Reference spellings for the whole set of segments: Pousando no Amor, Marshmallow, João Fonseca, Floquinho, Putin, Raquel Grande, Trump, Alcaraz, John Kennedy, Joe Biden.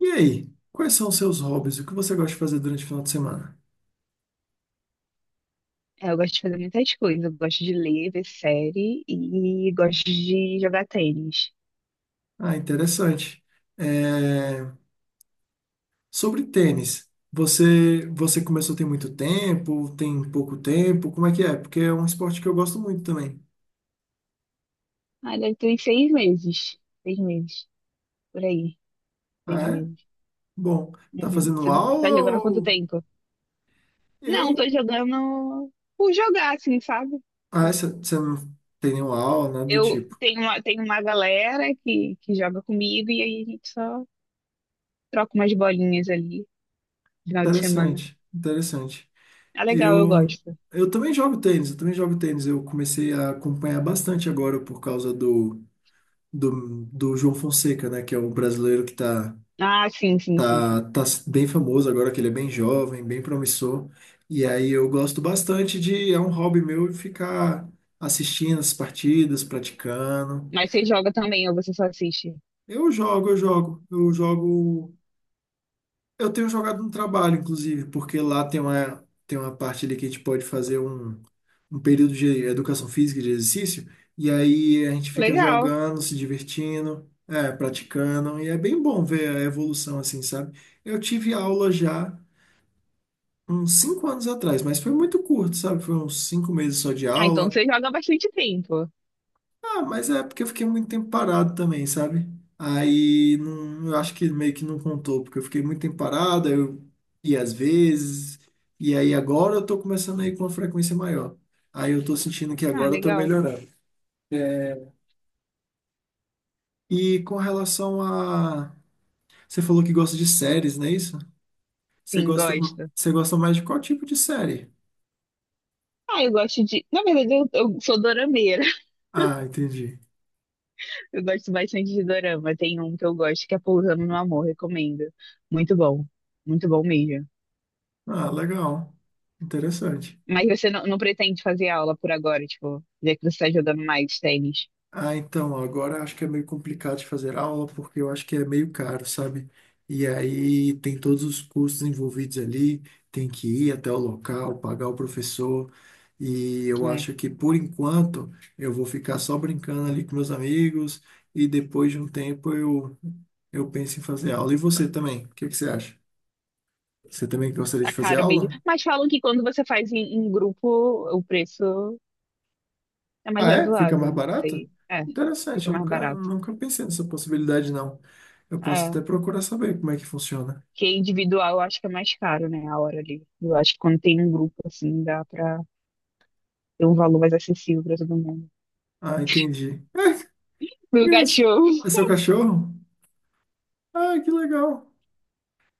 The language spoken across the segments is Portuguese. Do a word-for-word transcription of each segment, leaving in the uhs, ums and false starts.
E aí, quais são os seus hobbies? O que você gosta de fazer durante o final de semana? É, eu gosto de fazer muitas coisas. Eu gosto de ler, ver série e gosto de jogar tênis. Ah, interessante. É, Sobre tênis, você você começou tem muito tempo, tem pouco tempo, como é que é? Porque é um esporte que eu gosto muito também. Ah, deve ter uns seis meses. Seis meses. Por aí. Ah, Seis é? meses. Bom, tá Uhum. fazendo Você tá tá aula jogando há quanto ou tempo? Não, eu? tô jogando por jogar, assim, sabe? Ah, você você não tem nenhuma aula, nada do Eu tipo. tenho uma, tenho uma galera que, que joga comigo e aí a gente só troca umas bolinhas ali, final de semana. Interessante, interessante. É legal, eu Eu gosto. eu também jogo tênis, eu também jogo tênis. Eu comecei a acompanhar bastante agora por causa do do, do João Fonseca, né? Que é um brasileiro que tá, Ah, sim, sim, sim, tá, sim. tá bem famoso agora, que ele é bem jovem, bem promissor. E aí eu gosto bastante de, é um hobby meu ficar assistindo as partidas, praticando. Mas você joga também ou você só assiste? Eu jogo, eu jogo, eu jogo. Eu tenho jogado no trabalho, inclusive, porque lá tem uma, tem uma parte ali que a gente pode fazer um um período de educação física, de exercício, e aí a gente fica Legal. jogando, se divertindo, é, praticando, e é bem bom ver a evolução assim, sabe? Eu tive aula já uns cinco anos atrás, mas foi muito curto, sabe? Foi uns cinco meses só de Ah, então aula. você joga há bastante tempo. Ah, mas é porque eu fiquei muito tempo parado também, sabe? Aí não, eu acho que meio que não contou, porque eu fiquei muito tempo parado, aí eu ia às vezes, e aí agora eu tô começando a ir com uma frequência maior. Aí eu tô sentindo que Ah, agora eu tô legal. melhorando. E com relação a. Você falou que gosta de séries, não é isso? Você Sim, gosta, gosto. você gosta mais de qual tipo de série? Ah, eu gosto de. Na verdade, eu, eu sou dorameira. Ah, entendi. Eu gosto bastante de dorama. Tem um que eu gosto que é Pousando no Amor, recomendo. Muito bom. Muito bom mesmo. Ah, legal. Interessante. Mas você não, não pretende fazer aula por agora, tipo, já que você está jogando mais tênis. Ah, então, agora acho que é meio complicado de fazer aula, porque eu acho que é meio caro, sabe? E aí tem todos os custos envolvidos ali, tem que ir até o local, pagar o professor, e eu É, acho que por enquanto eu vou ficar só brincando ali com meus amigos, e depois de um tempo eu, eu penso em fazer aula. E você também, o que que você acha? Você também gostaria de tá fazer caro mesmo. aula? Mas falam que quando você faz em, em grupo, o preço é mais Ah, é? Fica razoável, mais não barato? sei. É, Interessante, fica eu mais nunca, barato. nunca pensei nessa possibilidade, não. Eu posso É. até procurar saber como é que funciona. Porque individual eu acho que é mais caro, né? A hora ali. Eu acho que quando tem um grupo, assim, dá pra ter um valor mais acessível pra todo mundo. Ah, entendi. Ah, que Meu graça. cachorro. É seu cachorro? Ah, que legal.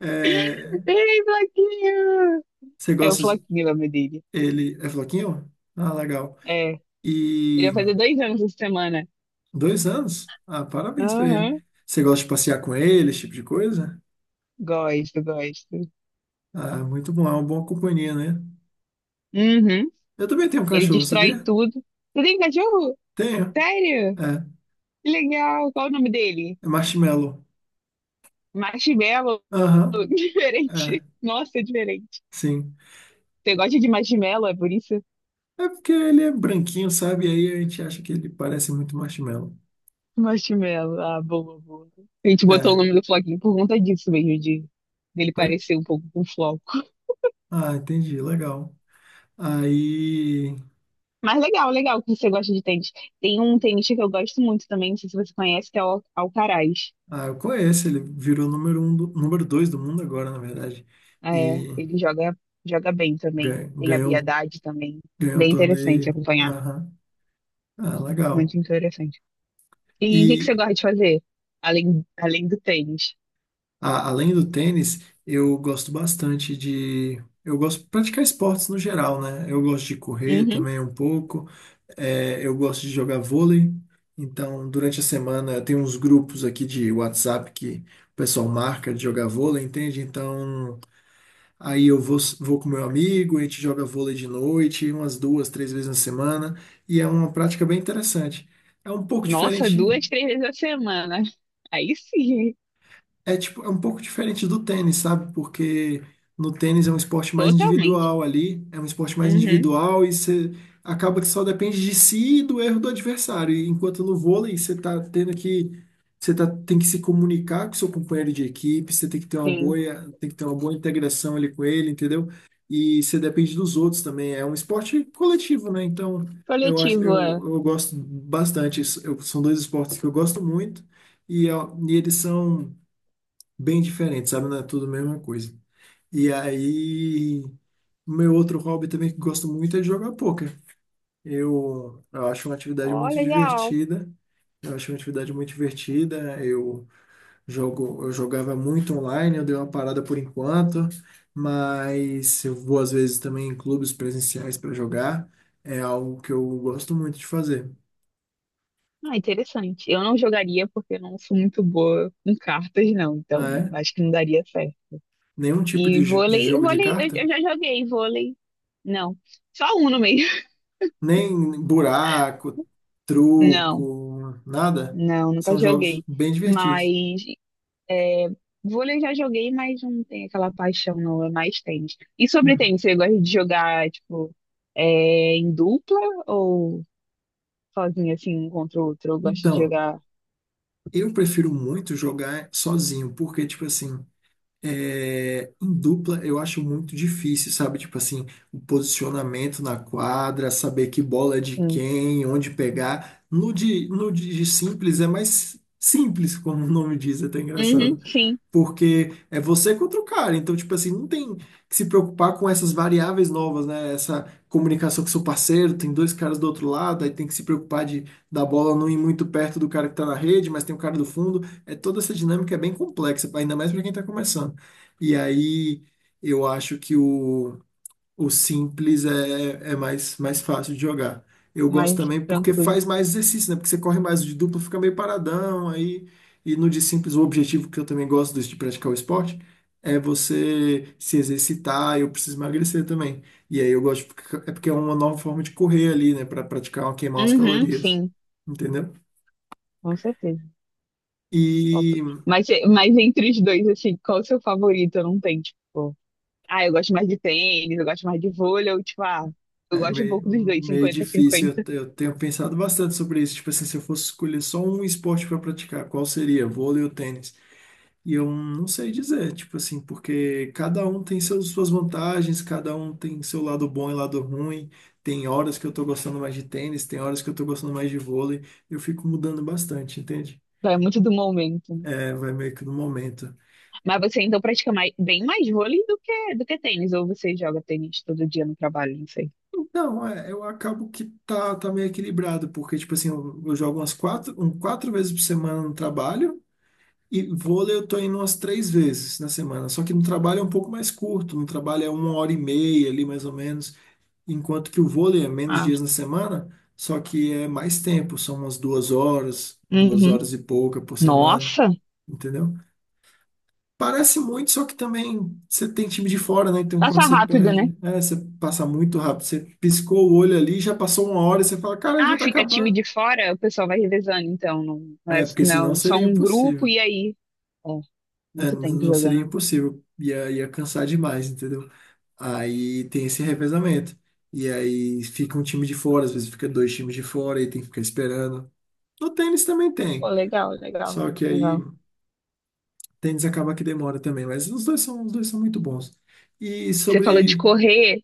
É, Ei, Floquinho! você É o gosta de- Floquinho o nome dele. ele é floquinho? Ah, legal. É. E Ele vai fazer dois anos essa semana. dois anos? Ah, parabéns pra Aham. ele. Você gosta de passear com ele, esse tipo de coisa? Gosto, gosto. Ah, muito bom, é uma boa companhia, né? Uhum. Eu também tenho um Ele cachorro, destrói sabia? tudo. Você tem cachorro? Tenho. Sério? É, Que legal. Qual o nome dele? é marshmallow. Marshmallow. Aham, é, Diferente. Nossa, é diferente. sim. Você gosta de marshmallow, é por isso? É porque ele é branquinho, sabe? E aí a gente acha que ele parece muito marshmallow. Marshmallow, ah, boa, boa. A gente botou o É, nome do Floquinho por conta disso mesmo, de dele foi? parecer um pouco com o Floco. Ah, entendi, legal. Aí. Mas legal, legal que você gosta de tênis. Tem um tenista que eu gosto muito também, não sei se você conhece, que é o Al- Alcaraz. Ah, eu conheço, ele virou número um do, número dois do mundo agora, na verdade. É, E ele joga, joga bem também. gan- Tem ganhou, um, habilidade também. ganhou o Bem interessante torneio. acompanhar. Aham. Ah, Muito legal. interessante. E o que que você E gosta de fazer? Além, além do tênis? a- além do tênis, eu gosto bastante de. Eu gosto de praticar esportes no geral, né? Eu gosto de correr Uhum. também um pouco. É, eu gosto de jogar vôlei, então durante a semana tem uns grupos aqui de uats ép que o pessoal marca de jogar vôlei, entende? Então aí eu vou, vou com meu amigo, a gente joga vôlei de noite, umas duas, três vezes na semana, e é uma prática bem interessante. É um pouco Nossa, diferente duas, três vezes a semana. Aí sim, É tipo, é um pouco diferente do tênis, sabe? Porque no tênis é um esporte mais totalmente. individual ali, é um esporte mais Uhum. individual e você acaba que só depende de si e do erro do adversário. E enquanto no vôlei você tá tendo que você tá, tem que se comunicar com seu companheiro de equipe, você tem que ter uma boa, Sim. tem que ter uma boa integração ali com ele, entendeu? E você depende dos outros também. É um esporte coletivo, né? Então, eu acho, eu, Coletivo, é. eu gosto bastante. Isso- eu- são dois esportes que eu gosto muito e, ó, e eles são bem diferente, sabe? Não é tudo a mesma coisa. E aí, meu outro hobby também que gosto muito é de jogar pôquer. Eu, eu acho uma atividade Ó, muito legal. divertida. Eu acho uma atividade muito divertida. Eu jogo, eu jogava muito online, eu dei uma parada por enquanto, mas eu vou às vezes também em clubes presenciais para jogar. É algo que eu gosto muito de fazer. Ah, interessante. Eu não jogaria porque eu não sou muito boa com cartas, não. Ah, Então, é? acho que não daria certo. Nenhum tipo E de, j- de vôlei, jogo de vôlei, eu, eu carta? já joguei vôlei. Não, só um no meio. Nem buraco, Não, truco, nada. não, nunca São jogos joguei. bem divertidos. Mas é, vôlei eu já joguei, mas não tem aquela paixão, não. É mais tênis. E sobre Hum. tênis, você gosta de jogar, tipo, é, em dupla ou sozinho, assim, um contra o outro? Eu gosto de Então, jogar, eu prefiro muito jogar sozinho, porque, tipo assim, é, em dupla eu acho muito difícil, sabe? Tipo assim, o posicionamento na quadra, saber que bola é de assim. quem, onde pegar. No de, no de simples é mais simples, como o nome diz, é até Uhum, engraçado. sim. Porque é você contra o cara. Então, tipo assim, não tem que se preocupar com essas variáveis novas, né? Essa comunicação com seu parceiro, tem dois caras do outro lado, aí tem que se preocupar de da bola não ir muito perto do cara que tá na rede, mas tem o cara do fundo. É toda essa dinâmica é bem complexa, ainda mais para quem tá começando. E aí eu acho que o o simples é, é mais, mais fácil de jogar. Eu gosto Mais também porque tranquilo. faz mais exercício, né? Porque você corre mais o de duplo, fica meio paradão, aí e no de simples o objetivo que eu também gosto desse de praticar o esporte é você se exercitar, eu preciso emagrecer também. E aí eu gosto porque é porque é uma nova forma de correr ali, né, para praticar, um, queimar as Uhum, calorias. sim, Entendeu? com certeza. Top. E Mas, mas entre os dois, assim, qual o seu favorito? Eu não tenho, tipo, ah, eu gosto mais de tênis, eu gosto mais de vôlei, ou tipo, ah, eu é gosto um pouco dos meio, dois, meio cinquenta difícil. cinquenta. Eu, eu tenho pensado bastante sobre isso. Tipo assim, se eu fosse escolher só um esporte para praticar, qual seria? Vôlei ou tênis? E eu não sei dizer, tipo assim, porque cada um tem seus, suas vantagens, cada um tem seu lado bom e lado ruim. Tem horas que eu tô gostando mais de tênis, tem horas que eu tô gostando mais de vôlei. Eu fico mudando bastante, entende? Vai muito do momento, né? É, vai meio que no momento. Mas você então pratica mais, bem mais vôlei do que, do que, tênis, ou você joga tênis todo dia no trabalho, não sei. Não, é, eu acabo que tá, tá meio equilibrado, porque, tipo assim, eu, eu jogo umas quatro, um, quatro vezes por semana no trabalho. E vôlei eu tô indo umas três vezes na semana. Só que no trabalho é um pouco mais curto, no trabalho é uma hora e meia ali, mais ou menos. Enquanto que o vôlei é menos Ah, dias na semana, só que é mais tempo, são umas duas horas, duas uhum. horas e pouca por semana, Nossa, entendeu? Parece muito, só que também você tem time de fora, né? Então quando passa você rápido, né? perde, é, você passa muito rápido, você piscou o olho ali, já passou uma hora e você fala, cara, já Ah, tá fica time acabando. de fora, o pessoal vai revezando, então, não, não é É, porque senão não, só seria um grupo impossível. e aí. É, Muito n- tempo não seria jogando. impossível, ia, ia cansar demais, entendeu? Aí tem esse revezamento. E aí fica um time de fora, às vezes fica dois times de fora e tem que ficar esperando. No tênis também Pô, tem. legal, legal, Só que aí legal. tênis acaba que demora também, mas os dois são, os dois são muito bons. E Você falou de sobre. correr,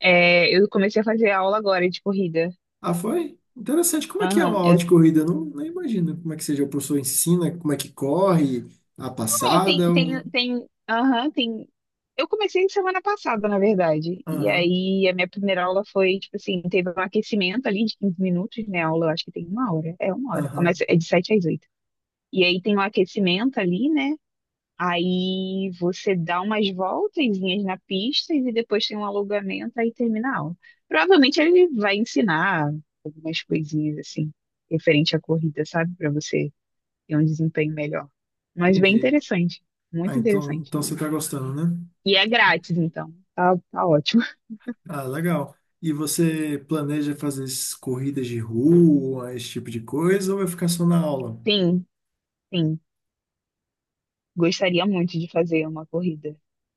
é, eu comecei a fazer aula agora de corrida. Ah, foi? Interessante. Como é que é uma Aham, aula eu... de corrida? Eu não, não imagino como é que seja. O professor ensina, como é que corre, a É, tem, passada. Tem, ou- tem, aham, tem... Eu comecei semana passada, na verdade. E Aham, aí, a minha primeira aula foi, tipo assim, teve um aquecimento ali de quinze minutos, né? A aula, eu acho que tem uma hora. É uma hora. aham. Começa, é de sete às oito. E aí tem um aquecimento ali, né? Aí você dá umas voltezinhas na pista e depois tem um alongamento, aí termina a aula. Provavelmente ele vai ensinar algumas coisinhas assim, referente à corrida, sabe? Para você ter um desempenho melhor. Mas bem Entendi. interessante, Ah, muito então, interessante. então você tá gostando, né? E é grátis, então. Tá, tá ótimo. Ah, legal. E você planeja fazer essas corridas de rua, esse tipo de coisa, ou vai ficar só na aula? Sim, sim. Gostaria muito de fazer uma corrida.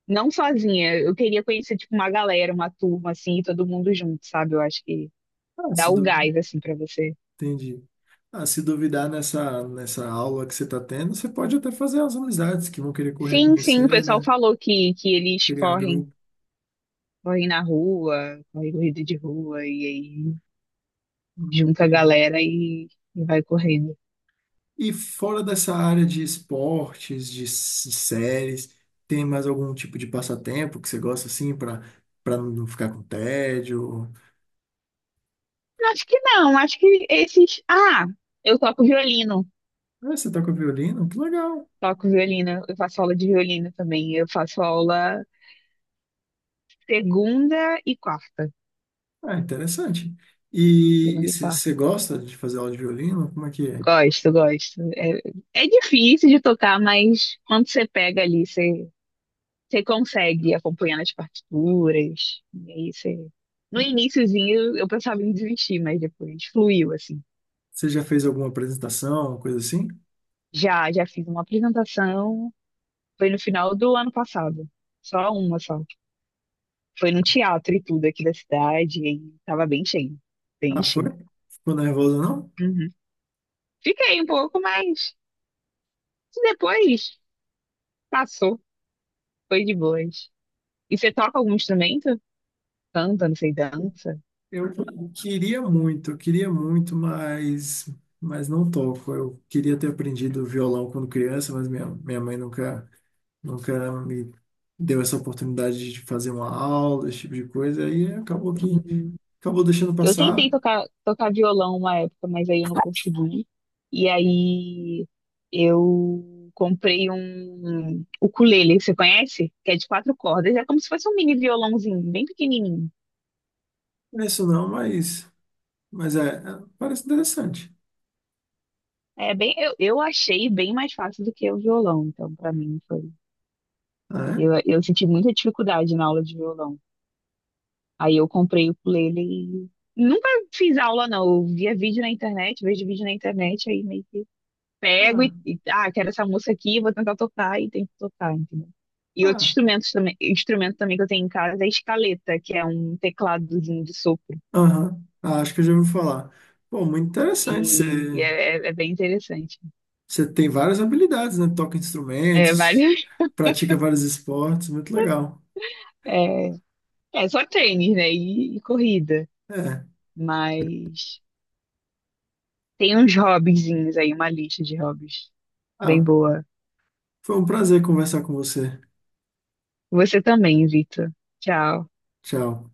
Não sozinha, eu queria conhecer tipo uma galera, uma turma assim, e todo mundo junto, sabe? Eu acho que Ah, dá se o du... gás assim para você. Entendi. Ah, se duvidar nessa, nessa aula que você está tendo, você pode até fazer as amizades que vão querer correr com Sim, sim, o você, pessoal né? falou que, que eles Criar correm, grupo. correm na rua, correm corrida de rua, e aí Hum, junta a Entendi. galera e, e vai correndo. E fora dessa área de esportes, de s- séries, tem mais algum tipo de passatempo que você gosta assim para para não ficar com tédio? Acho que não, acho que esses. Ah, eu toco violino, Ah, você toca violino? Que legal. toco violino, eu faço aula de violino também. Eu faço aula segunda e quarta. Ah, interessante. E e Segunda e você quarta. você gosta de fazer aula de violino? Como é que é? Gosto, gosto. É, é difícil de tocar, mas quando você pega ali, você você consegue acompanhando as partituras. E aí você. No iniciozinho eu pensava em desistir, mas depois fluiu, assim. Você já fez alguma apresentação, coisa assim? Já, já fiz uma apresentação, foi no final do ano passado. Só uma só. Foi num teatro e tudo aqui da cidade, e aí tava bem cheio. Bem Ah, foi? cheio. Ficou nervosa não? Uhum. Fiquei um pouco, mas depois passou. Foi de boas. E você toca algum instrumento? Canta, não sei, dança? Eu queria muito, eu queria muito, mas, mas não toco. Eu queria ter aprendido violão quando criança, mas minha, minha mãe nunca, nunca me deu essa oportunidade de fazer uma aula, esse tipo de coisa, aí acabou que Uhum. acabou deixando Eu tentei passar. tocar, tocar violão uma época, mas aí eu não consegui. E aí eu comprei um ukulele, você conhece? Que é de quatro cordas, é como se fosse um mini violãozinho, bem pequenininho. Não é isso não, mas, mas é, é, parece interessante. É bem, eu, eu achei bem mais fácil do que o violão, então pra mim foi. Né? é? Eu, eu senti muita dificuldade na aula de violão. Aí eu comprei o ukulele e nunca fiz aula não, eu via vídeo na internet, vejo vídeo na internet aí meio que pego Ah, e, e, ah, quero essa música aqui, vou tentar tocar e tento tocar, entendeu? E outros ah, instrumentos também, instrumento também que eu tenho em casa é a escaleta, que é um tecladozinho de sopro. aham. Ah, acho que eu já ouvi falar. Pô, muito interessante você. E é, é- é bem interessante. Você tem várias habilidades, né? Toca É, instrumentos, vários, pratica vários esportes, muito legal. é, é só tênis, né? E, e corrida. É. Mas tem uns hobbyzinhos aí, uma lista de hobbies bem Ah, boa. foi um prazer conversar com você. Você também, Vitor. Tchau. Tchau.